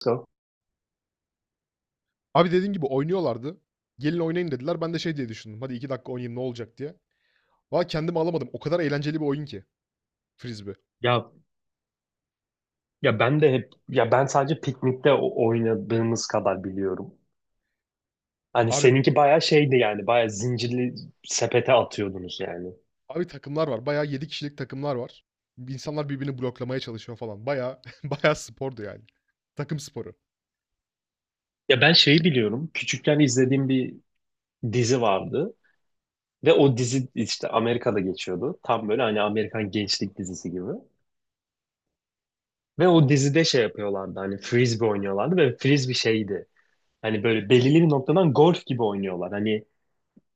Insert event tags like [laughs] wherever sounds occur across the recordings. Go. Abi dediğin gibi oynuyorlardı. Gelin oynayın dediler. Ben de şey diye düşündüm. Hadi 2 dakika oynayayım ne olacak diye. Valla kendimi alamadım. O kadar eğlenceli bir oyun ki frisbee. Ya ya ben de hep ya ben sadece piknikte oynadığımız kadar biliyorum. Hani Abi seninki bayağı şeydi yani bayağı zincirli sepete atıyordunuz yani. abi takımlar var. Bayağı 7 kişilik takımlar var. İnsanlar birbirini bloklamaya çalışıyor falan. Bayağı [laughs] bayağı spordu yani. Takım sporu. Ya ben şeyi biliyorum. Küçükken izlediğim bir dizi vardı ve o dizi işte Amerika'da geçiyordu. Tam böyle hani Amerikan gençlik dizisi gibi. Ve o dizide şey yapıyorlardı hani frisbee oynuyorlardı ve frisbee şeydi. Hani böyle belirli bir noktadan golf gibi oynuyorlar. Hani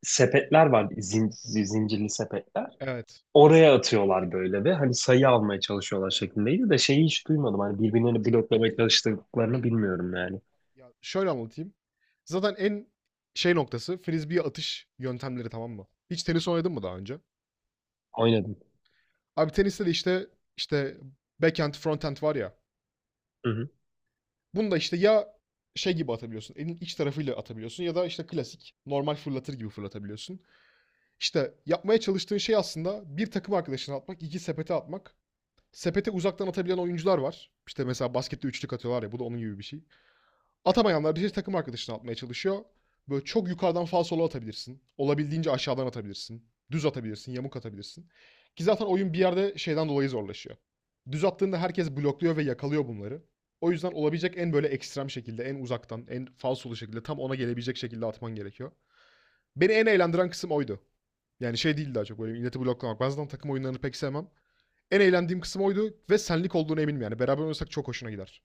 sepetler var zincirli sepetler. Evet. Oraya atıyorlar böyle ve hani sayı almaya çalışıyorlar şeklindeydi de şeyi hiç duymadım. Hani birbirlerini bloklamaya çalıştıklarını bilmiyorum yani. Ya şöyle anlatayım. Zaten en şey noktası frisbee atış yöntemleri, tamam mı? Hiç tenis oynadın mı daha önce? Oynadım. Abi teniste de işte backhand, fronthand var ya. Hı hı. Bunu da işte ya şey gibi atabiliyorsun, elin iç tarafıyla atabiliyorsun ya da işte klasik normal fırlatır gibi fırlatabiliyorsun. İşte yapmaya çalıştığın şey aslında bir takım arkadaşına atmak, iki sepete atmak. Sepete uzaktan atabilen oyuncular var. İşte mesela baskette üçlük atıyorlar ya, bu da onun gibi bir şey. Atamayanlar bir şey takım arkadaşını atmaya çalışıyor. Böyle çok yukarıdan falsolu atabilirsin. Olabildiğince aşağıdan atabilirsin. Düz atabilirsin, yamuk atabilirsin. Ki zaten oyun bir yerde şeyden dolayı zorlaşıyor. Düz attığında herkes blokluyor ve yakalıyor bunları. O yüzden olabilecek en böyle ekstrem şekilde, en uzaktan, en falsolu şekilde, tam ona gelebilecek şekilde atman gerekiyor. Beni en eğlendiren kısım oydu. Yani şey değil, daha çok böyle milleti bloklamak. Ben zaten takım oyunlarını pek sevmem. En eğlendiğim kısım oydu ve senlik olduğunu eminim yani. Beraber oynasak çok hoşuna gider.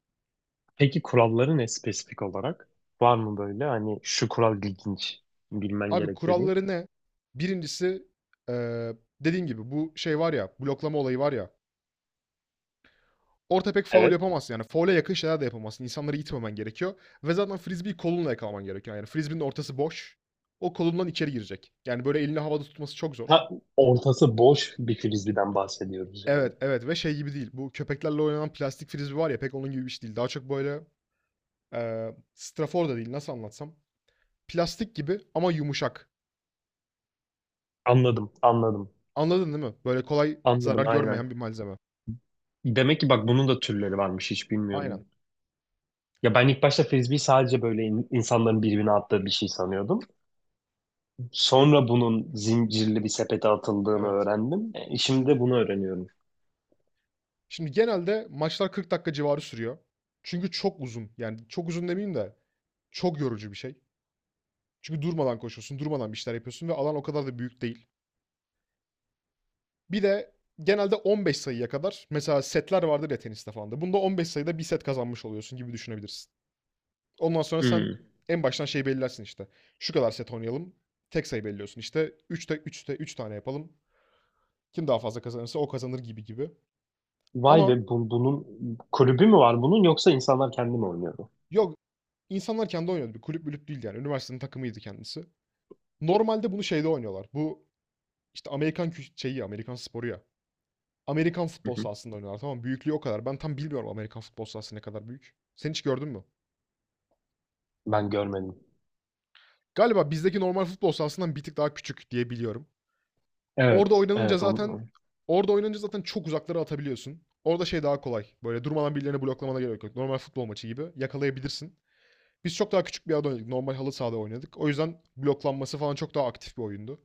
Peki kuralları ne spesifik olarak? Var mı böyle hani şu kural ilginç bilmen Abi gerek dediğin? kuralları ne? Birincisi dediğin gibi bu şey var ya, bloklama olayı var ya. Orta pek faul Evet. yapamazsın yani. Faule yakın şeyler de yapamazsın. İnsanları itmemen gerekiyor. Ve zaten frisbee'yi kolunla yakalaman gerekiyor. Yani frisbee'nin ortası boş. O kolundan içeri girecek. Yani böyle elini havada tutması çok zor. Ha, ortası boş bir frisbeeden bahsediyoruz yani. Evet, evet, ve şey gibi değil. Bu köpeklerle oynanan plastik frisbee var ya, pek onun gibi bir şey değil. Daha çok böyle strafor da değil, nasıl anlatsam. Plastik gibi ama yumuşak. Anladım, anladım. Anladın değil mi? Böyle kolay zarar Anladım aynen. görmeyen bir malzeme. Demek ki bak bunun da türleri varmış hiç Aynen. bilmiyordum. Ya ben ilk başta frisbee sadece böyle insanların birbirine attığı bir şey sanıyordum. Sonra bunun zincirli bir sepete atıldığını Evet. öğrendim. E, şimdi de bunu öğreniyorum. Şimdi genelde maçlar 40 dakika civarı sürüyor. Çünkü çok uzun. Yani çok uzun demeyeyim de çok yorucu bir şey. Çünkü durmadan koşuyorsun, durmadan bir şeyler yapıyorsun ve alan o kadar da büyük değil. Bir de genelde 15 sayıya kadar mesela setler vardır ya teniste falan da. Bunda 15 sayıda bir set kazanmış oluyorsun gibi düşünebilirsin. Ondan sonra sen Hmm. en baştan şey belirlersin işte. Şu kadar set oynayalım. Tek sayı belirliyorsun. İşte üçte 3 tane yapalım. Kim daha fazla kazanırsa o kazanır, gibi gibi. Vay Ama be bunun kulübü mü var bunun yoksa insanlar kendi mi oynuyordu? yok, insanlar kendi oynuyordu. Bir kulüp mülüp değildi yani. Üniversitenin takımıydı kendisi. Normalde bunu şeyde oynuyorlar. Bu işte Amerikan şeyi, Amerikan sporu ya. Amerikan Hı futbol hı. sahasında oynuyorlar, tamam mı? Büyüklüğü o kadar. Ben tam bilmiyorum Amerikan futbol sahası ne kadar büyük. Sen hiç gördün mü? Ben görmedim. Galiba bizdeki normal futbol sahasından bir tık daha küçük diye biliyorum. Orada Evet, oynanınca evet. zaten Orada oynanınca zaten çok uzaklara atabiliyorsun. Orada şey daha kolay. Böyle durmadan birilerini bloklamana gerek yok. Normal futbol maçı gibi yakalayabilirsin. Biz çok daha küçük bir yerde oynadık. Normal halı sahada oynadık. O yüzden bloklanması falan çok daha aktif bir oyundu.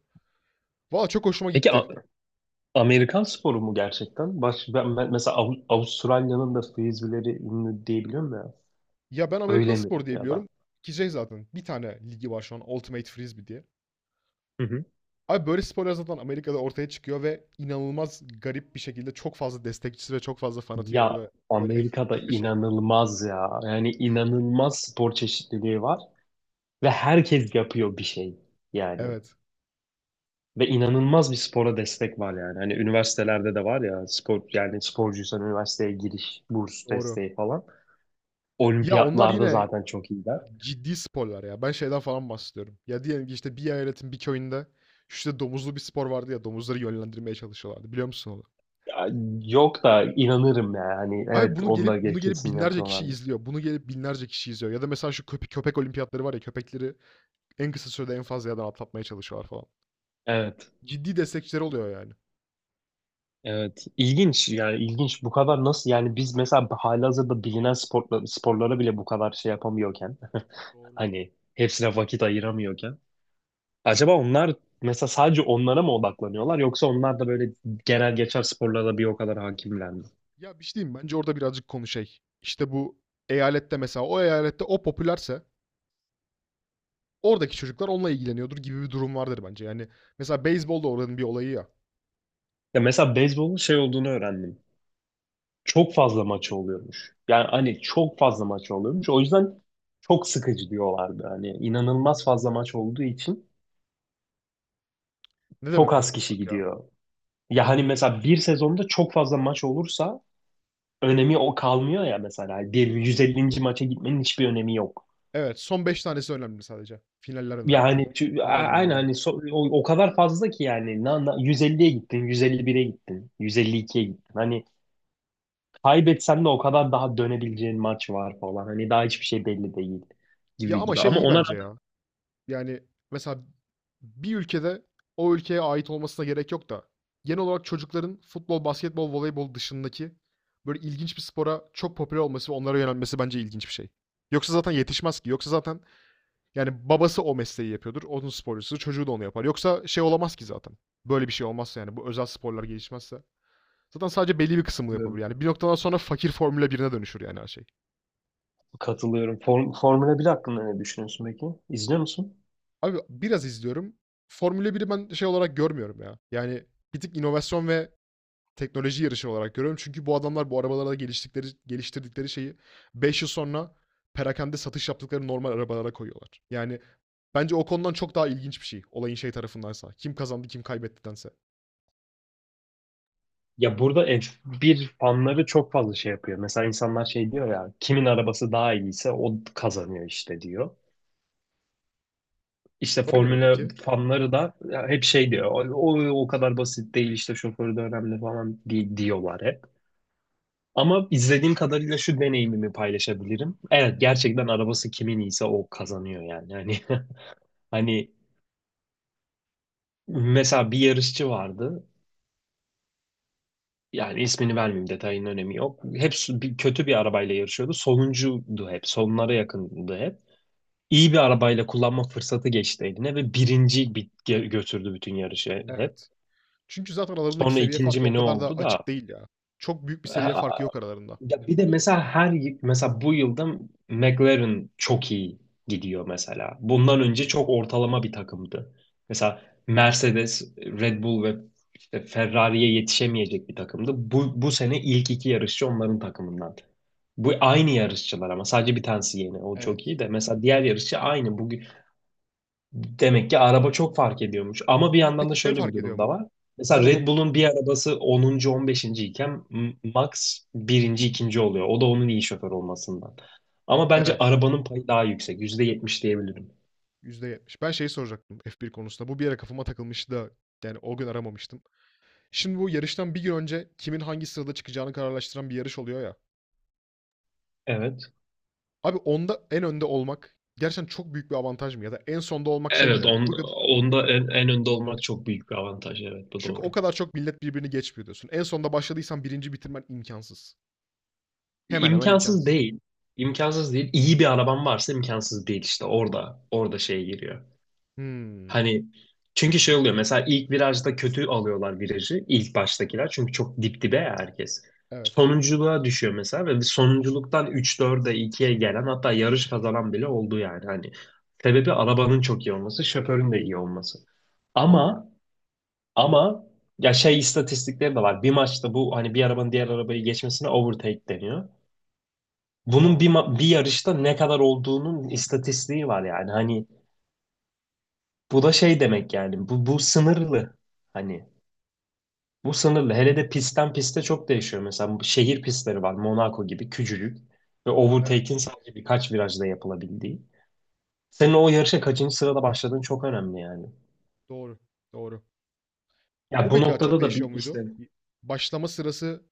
Valla çok hoşuma Peki gitti. Amerikan sporu mu gerçekten? Mesela Avustralya'nın da frisbee'leri ünlü diyebiliyorum ya. Ya ben Amerikan Öyle mi spor diye ya da? biliyorum ki şey, zaten bir tane ligi var şu an Ultimate Frisbee diye. Hı hı. Abi böyle sporlar zaten Amerika'da ortaya çıkıyor ve inanılmaz garip bir şekilde çok fazla destekçisi ve çok fazla fanatiği oluyor. Ya Böyle [laughs] Amerika'da böyle şey. inanılmaz ya. Yani inanılmaz spor çeşitliliği var ve herkes yapıyor bir şey yani. Evet, Ve inanılmaz bir spora destek var yani. Hani üniversitelerde de var ya spor yani sporcuysan üniversiteye giriş, burs doğru. desteği falan. Ya onlar Olimpiyatlarda yine zaten çok iyiler. ciddi sporlar ya. Ben şeyden falan bahsediyorum. Ya, diyelim ki işte bir eyaletin bir köyünde işte domuzlu bir spor vardı ya, domuzları yönlendirmeye çalışıyorlardı. Biliyor musun onu? Ya, yok da inanırım yani. Hani Abi evet bunu onlar gelip bunu gelip kesin binlerce yapıyorlar. kişi izliyor. Bunu gelip binlerce kişi izliyor. Ya da mesela şu köpek olimpiyatları var ya, köpekleri en kısa sürede en fazla yerden atlatmaya çalışıyorlar falan. Evet. Ciddi destekçileri oluyor yani. Evet. İlginç yani ilginç. Bu kadar nasıl yani biz mesela halihazırda bilinen sporla, sporlara bile bu kadar şey yapamıyorken [laughs] Doğru. hani hepsine vakit ayıramıyorken acaba onlar mesela sadece onlara mı odaklanıyorlar yoksa onlar da böyle genel geçer sporlara da bir o kadar hakimler mi? Ya bir şey diyeyim, bence orada birazcık konu şey. İşte bu eyalette mesela, o eyalette o popülerse oradaki çocuklar onunla ilgileniyordur gibi bir durum vardır bence. Yani mesela beyzbol da oranın bir olayı ya. Ya mesela beyzbolun şey olduğunu öğrendim. Çok fazla maçı oluyormuş. Yani hani çok fazla maçı oluyormuş. O yüzden çok sıkıcı diyorlardı. Hani inanılmaz fazla maç olduğu için Ne çok demek bu az tam kişi olarak ya? gidiyor. Ya hani mesela bir sezonda çok fazla maç olursa önemi o kalmıyor ya mesela. Bir 150. maça gitmenin hiçbir önemi yok. Evet, son 5 tanesi önemli sadece. Finaller önemli yani. Yani Anladım, aynen anladım. hani o kadar fazla ki yani 150'ye gittin, 151'e gittin, 152'ye gittin. Hani kaybetsen de o kadar daha dönebileceğin maç var falan. Hani daha hiçbir şey belli değil Ya gibi ama gibi. şey Ama iyi ona bence rağmen... ya. Yani mesela bir ülkede o ülkeye ait olmasına gerek yok da genel olarak çocukların futbol, basketbol, voleybol dışındaki böyle ilginç bir spora çok popüler olması ve onlara yönelmesi bence ilginç bir şey. Yoksa zaten yetişmez ki. Yoksa zaten yani babası o mesleği yapıyordur. Onun sporcusu, çocuğu da onu yapar. Yoksa şey olamaz ki zaten. Böyle bir şey olmazsa yani, bu özel sporlar gelişmezse. Zaten sadece belli bir kısmını Bilmiyorum. yapabilir. Yani bir noktadan sonra fakir Formula birine dönüşür yani her şey. Katılıyorum. Formula 1 hakkında ne düşünüyorsun peki? İzliyor musun? Abi biraz izliyorum. Formula biri ben şey olarak görmüyorum ya. Yani bir tık inovasyon ve teknoloji yarışı olarak görüyorum. Çünkü bu adamlar bu arabalarda geliştikleri, geliştirdikleri şeyi 5 yıl sonra perakende satış yaptıkları normal arabalara koyuyorlar. Yani bence o konudan çok daha ilginç bir şey. Olayın şey tarafındansa. Kim kazandı kim kaybettidense. Ya burada F1 fanları çok fazla şey yapıyor. Mesela insanlar şey diyor ya kimin arabası daha iyiyse o kazanıyor işte diyor. İşte Öyle mi Formula peki? fanları da ya hep şey diyor. O kadar basit değil işte şoförü de önemli falan diyorlar hep. Ama izlediğim kadarıyla şu deneyimimi paylaşabilirim. Evet gerçekten arabası kimin iyiyse o kazanıyor yani. Hani [laughs] hani mesela bir yarışçı vardı. Yani ismini vermeyeyim detayın önemi yok. Hep kötü bir arabayla yarışıyordu. Sonuncuydu hep. Sonlara yakındı hep. İyi bir arabayla kullanma fırsatı geçti eline ve birinci götürdü bütün yarışı hep. Evet. Çünkü zaten aralarındaki Sonra seviye ikinci farkı mi o ne kadar da oldu açık da... değil ya. Çok büyük bir seviye farkı yok aralarında. Ya bir de mesela mesela bu yılda McLaren çok iyi gidiyor mesela. Bundan önce çok ortalama bir takımdı. Mesela Mercedes, Red Bull ve işte Ferrari'ye yetişemeyecek bir takımdı. Bu sene ilk iki yarışçı onların takımından. Bu aynı yarışçılar ama sadece bir tanesi yeni. O çok Evet. iyi de mesela diğer yarışçı aynı. Bugün... Demek ki araba çok fark ediyormuş. Ama bir Ama yandan da peki şey şöyle bir fark ediyor durum da mu? var. Ben Mesela onu... Red Bull'un bir arabası 10. 15. iken Max birinci ikinci oluyor. O da onun iyi şoför olmasından. Ama bence Evet. arabanın payı daha yüksek. %70 diyebilirim. %70. Ben şeyi soracaktım F1 konusunda. Bu bir yere kafama takılmıştı da yani o gün aramamıştım. Şimdi bu yarıştan bir gün önce kimin hangi sırada çıkacağını kararlaştıran bir yarış oluyor ya. Evet. Abi onda en önde olmak gerçekten çok büyük bir avantaj mı? Ya da en sonda olmak şey mi Evet, demek? Burada onda en önde olmak çok büyük bir avantaj. Evet, bu çünkü o doğru. kadar çok millet birbirini geçmiyor diyorsun. En sonda başladıysan birinci bitirmen imkansız. Hemen hemen İmkansız imkansız. değil. İmkansız değil. İyi bir araban varsa imkansız değil işte. Orada şey giriyor. Hımm. Hani çünkü şey oluyor mesela ilk virajda kötü alıyorlar virajı ilk baştakiler çünkü çok dip dibe ya herkes. Evet. Sonunculuğa düşüyor mesela ve sonunculuktan 3-4'e ikiye gelen hatta yarış kazanan bile oldu yani. Hani sebebi arabanın çok iyi olması, şoförün de iyi olması. Anladım. Ama ama ya şey istatistikleri de var. Bir maçta bu hani bir arabanın diğer arabayı geçmesine overtake deniyor. Bunun Tamam. Bir yarışta ne kadar olduğunun istatistiği var yani. Hani bu da şey demek yani. Bu sınırlı. Hani bu sınırlı. Hele de pistten piste çok değişiyor. Mesela bu şehir pistleri var. Monaco gibi küçücük. Ve Evet. overtake'in sadece birkaç virajda yapılabildiği. Senin o yarışa kaçıncı sırada başladığın çok önemli yani. Doğru. Doğru. Ya Bu bu peki, çok noktada da değişiyor bir muydu? işte Başlama sırası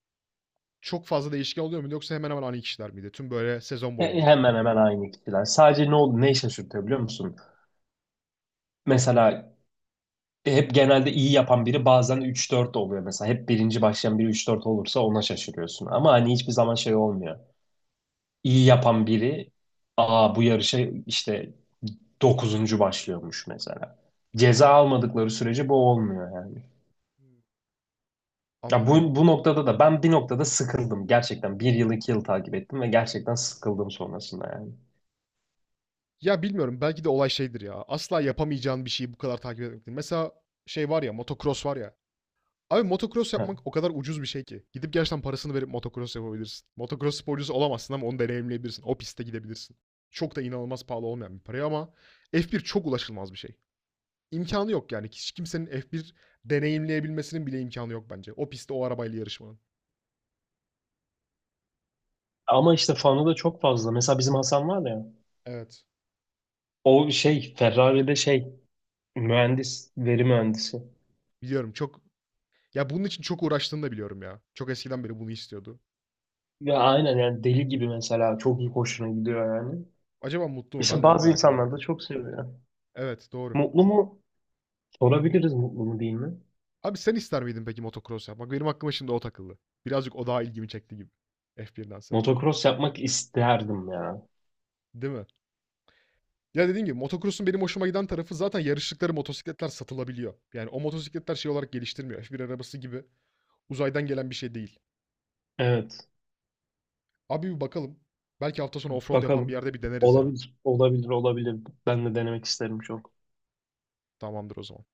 çok fazla değişken oluyor muydu yoksa hemen hemen aynı kişiler miydi tüm böyle sezon boyunca? hemen hemen aynı kişiler. Sadece ne oldu, ne işe sürtüyor biliyor musun? Mesela hep genelde iyi yapan biri bazen üç dört oluyor mesela. Hep birinci başlayan biri üç dört olursa ona şaşırıyorsun. Ama hani hiçbir zaman şey olmuyor. İyi yapan biri... Aa, bu yarışa işte dokuzuncu başlıyormuş mesela. Evet. Ceza almadıkları sürece bu olmuyor yani. Hımm. Ya Anladım bu, abi. bu noktada da ben bir noktada sıkıldım. Gerçekten bir yıl iki yıl takip ettim ve gerçekten sıkıldım sonrasında yani. Ya bilmiyorum, belki de olay şeydir ya. Asla yapamayacağın bir şeyi bu kadar takip etmektir. Mesela şey var ya, motocross var ya. Abi motocross Ha. yapmak o kadar ucuz bir şey ki. Gidip gerçekten parasını verip motocross yapabilirsin. Motocross sporcusu olamazsın ama onu deneyimleyebilirsin. O pistte gidebilirsin. Çok da inanılmaz pahalı olmayan bir para ama F1 çok ulaşılmaz bir şey. İmkanı yok yani. Hiç kimsenin F1 deneyimleyebilmesinin bile imkanı yok bence. O pistte o arabayla yarışmanın. Ama işte fanı da çok fazla. Mesela bizim Hasan var ya. Evet. O şey Ferrari'de şey mühendis, veri mühendisi. Biliyorum çok... Ya bunun için çok uğraştığını da biliyorum ya. Çok eskiden beri bunu istiyordu. Ya aynen yani deli gibi mesela çok iyi hoşuna gidiyor yani. Acaba mutlu mu? Ben İşte de onu bazı merak ediyorum. insanlar da çok seviyor. Evet, doğru. Mutlu mu? Sorabiliriz mutlu mu değil mi? Abi sen ister miydin peki motocross yapmak? Benim aklıma şimdi o takıldı. Birazcık o daha ilgimi çekti gibi. F1'dense. Motocross yapmak isterdim ya. Değil mi? Ya dediğim gibi motocross'un benim hoşuma giden tarafı zaten yarıştıkları motosikletler satılabiliyor. Yani o motosikletler şey olarak geliştirmiyor. F1 arabası gibi uzaydan gelen bir şey değil. Evet. Abi bir bakalım. Belki hafta sonu offroad yapan bir Bakalım. yerde bir deneriz ya. Olabilir, olabilir, olabilir. Ben de denemek isterim çok. Tamamdır o zaman.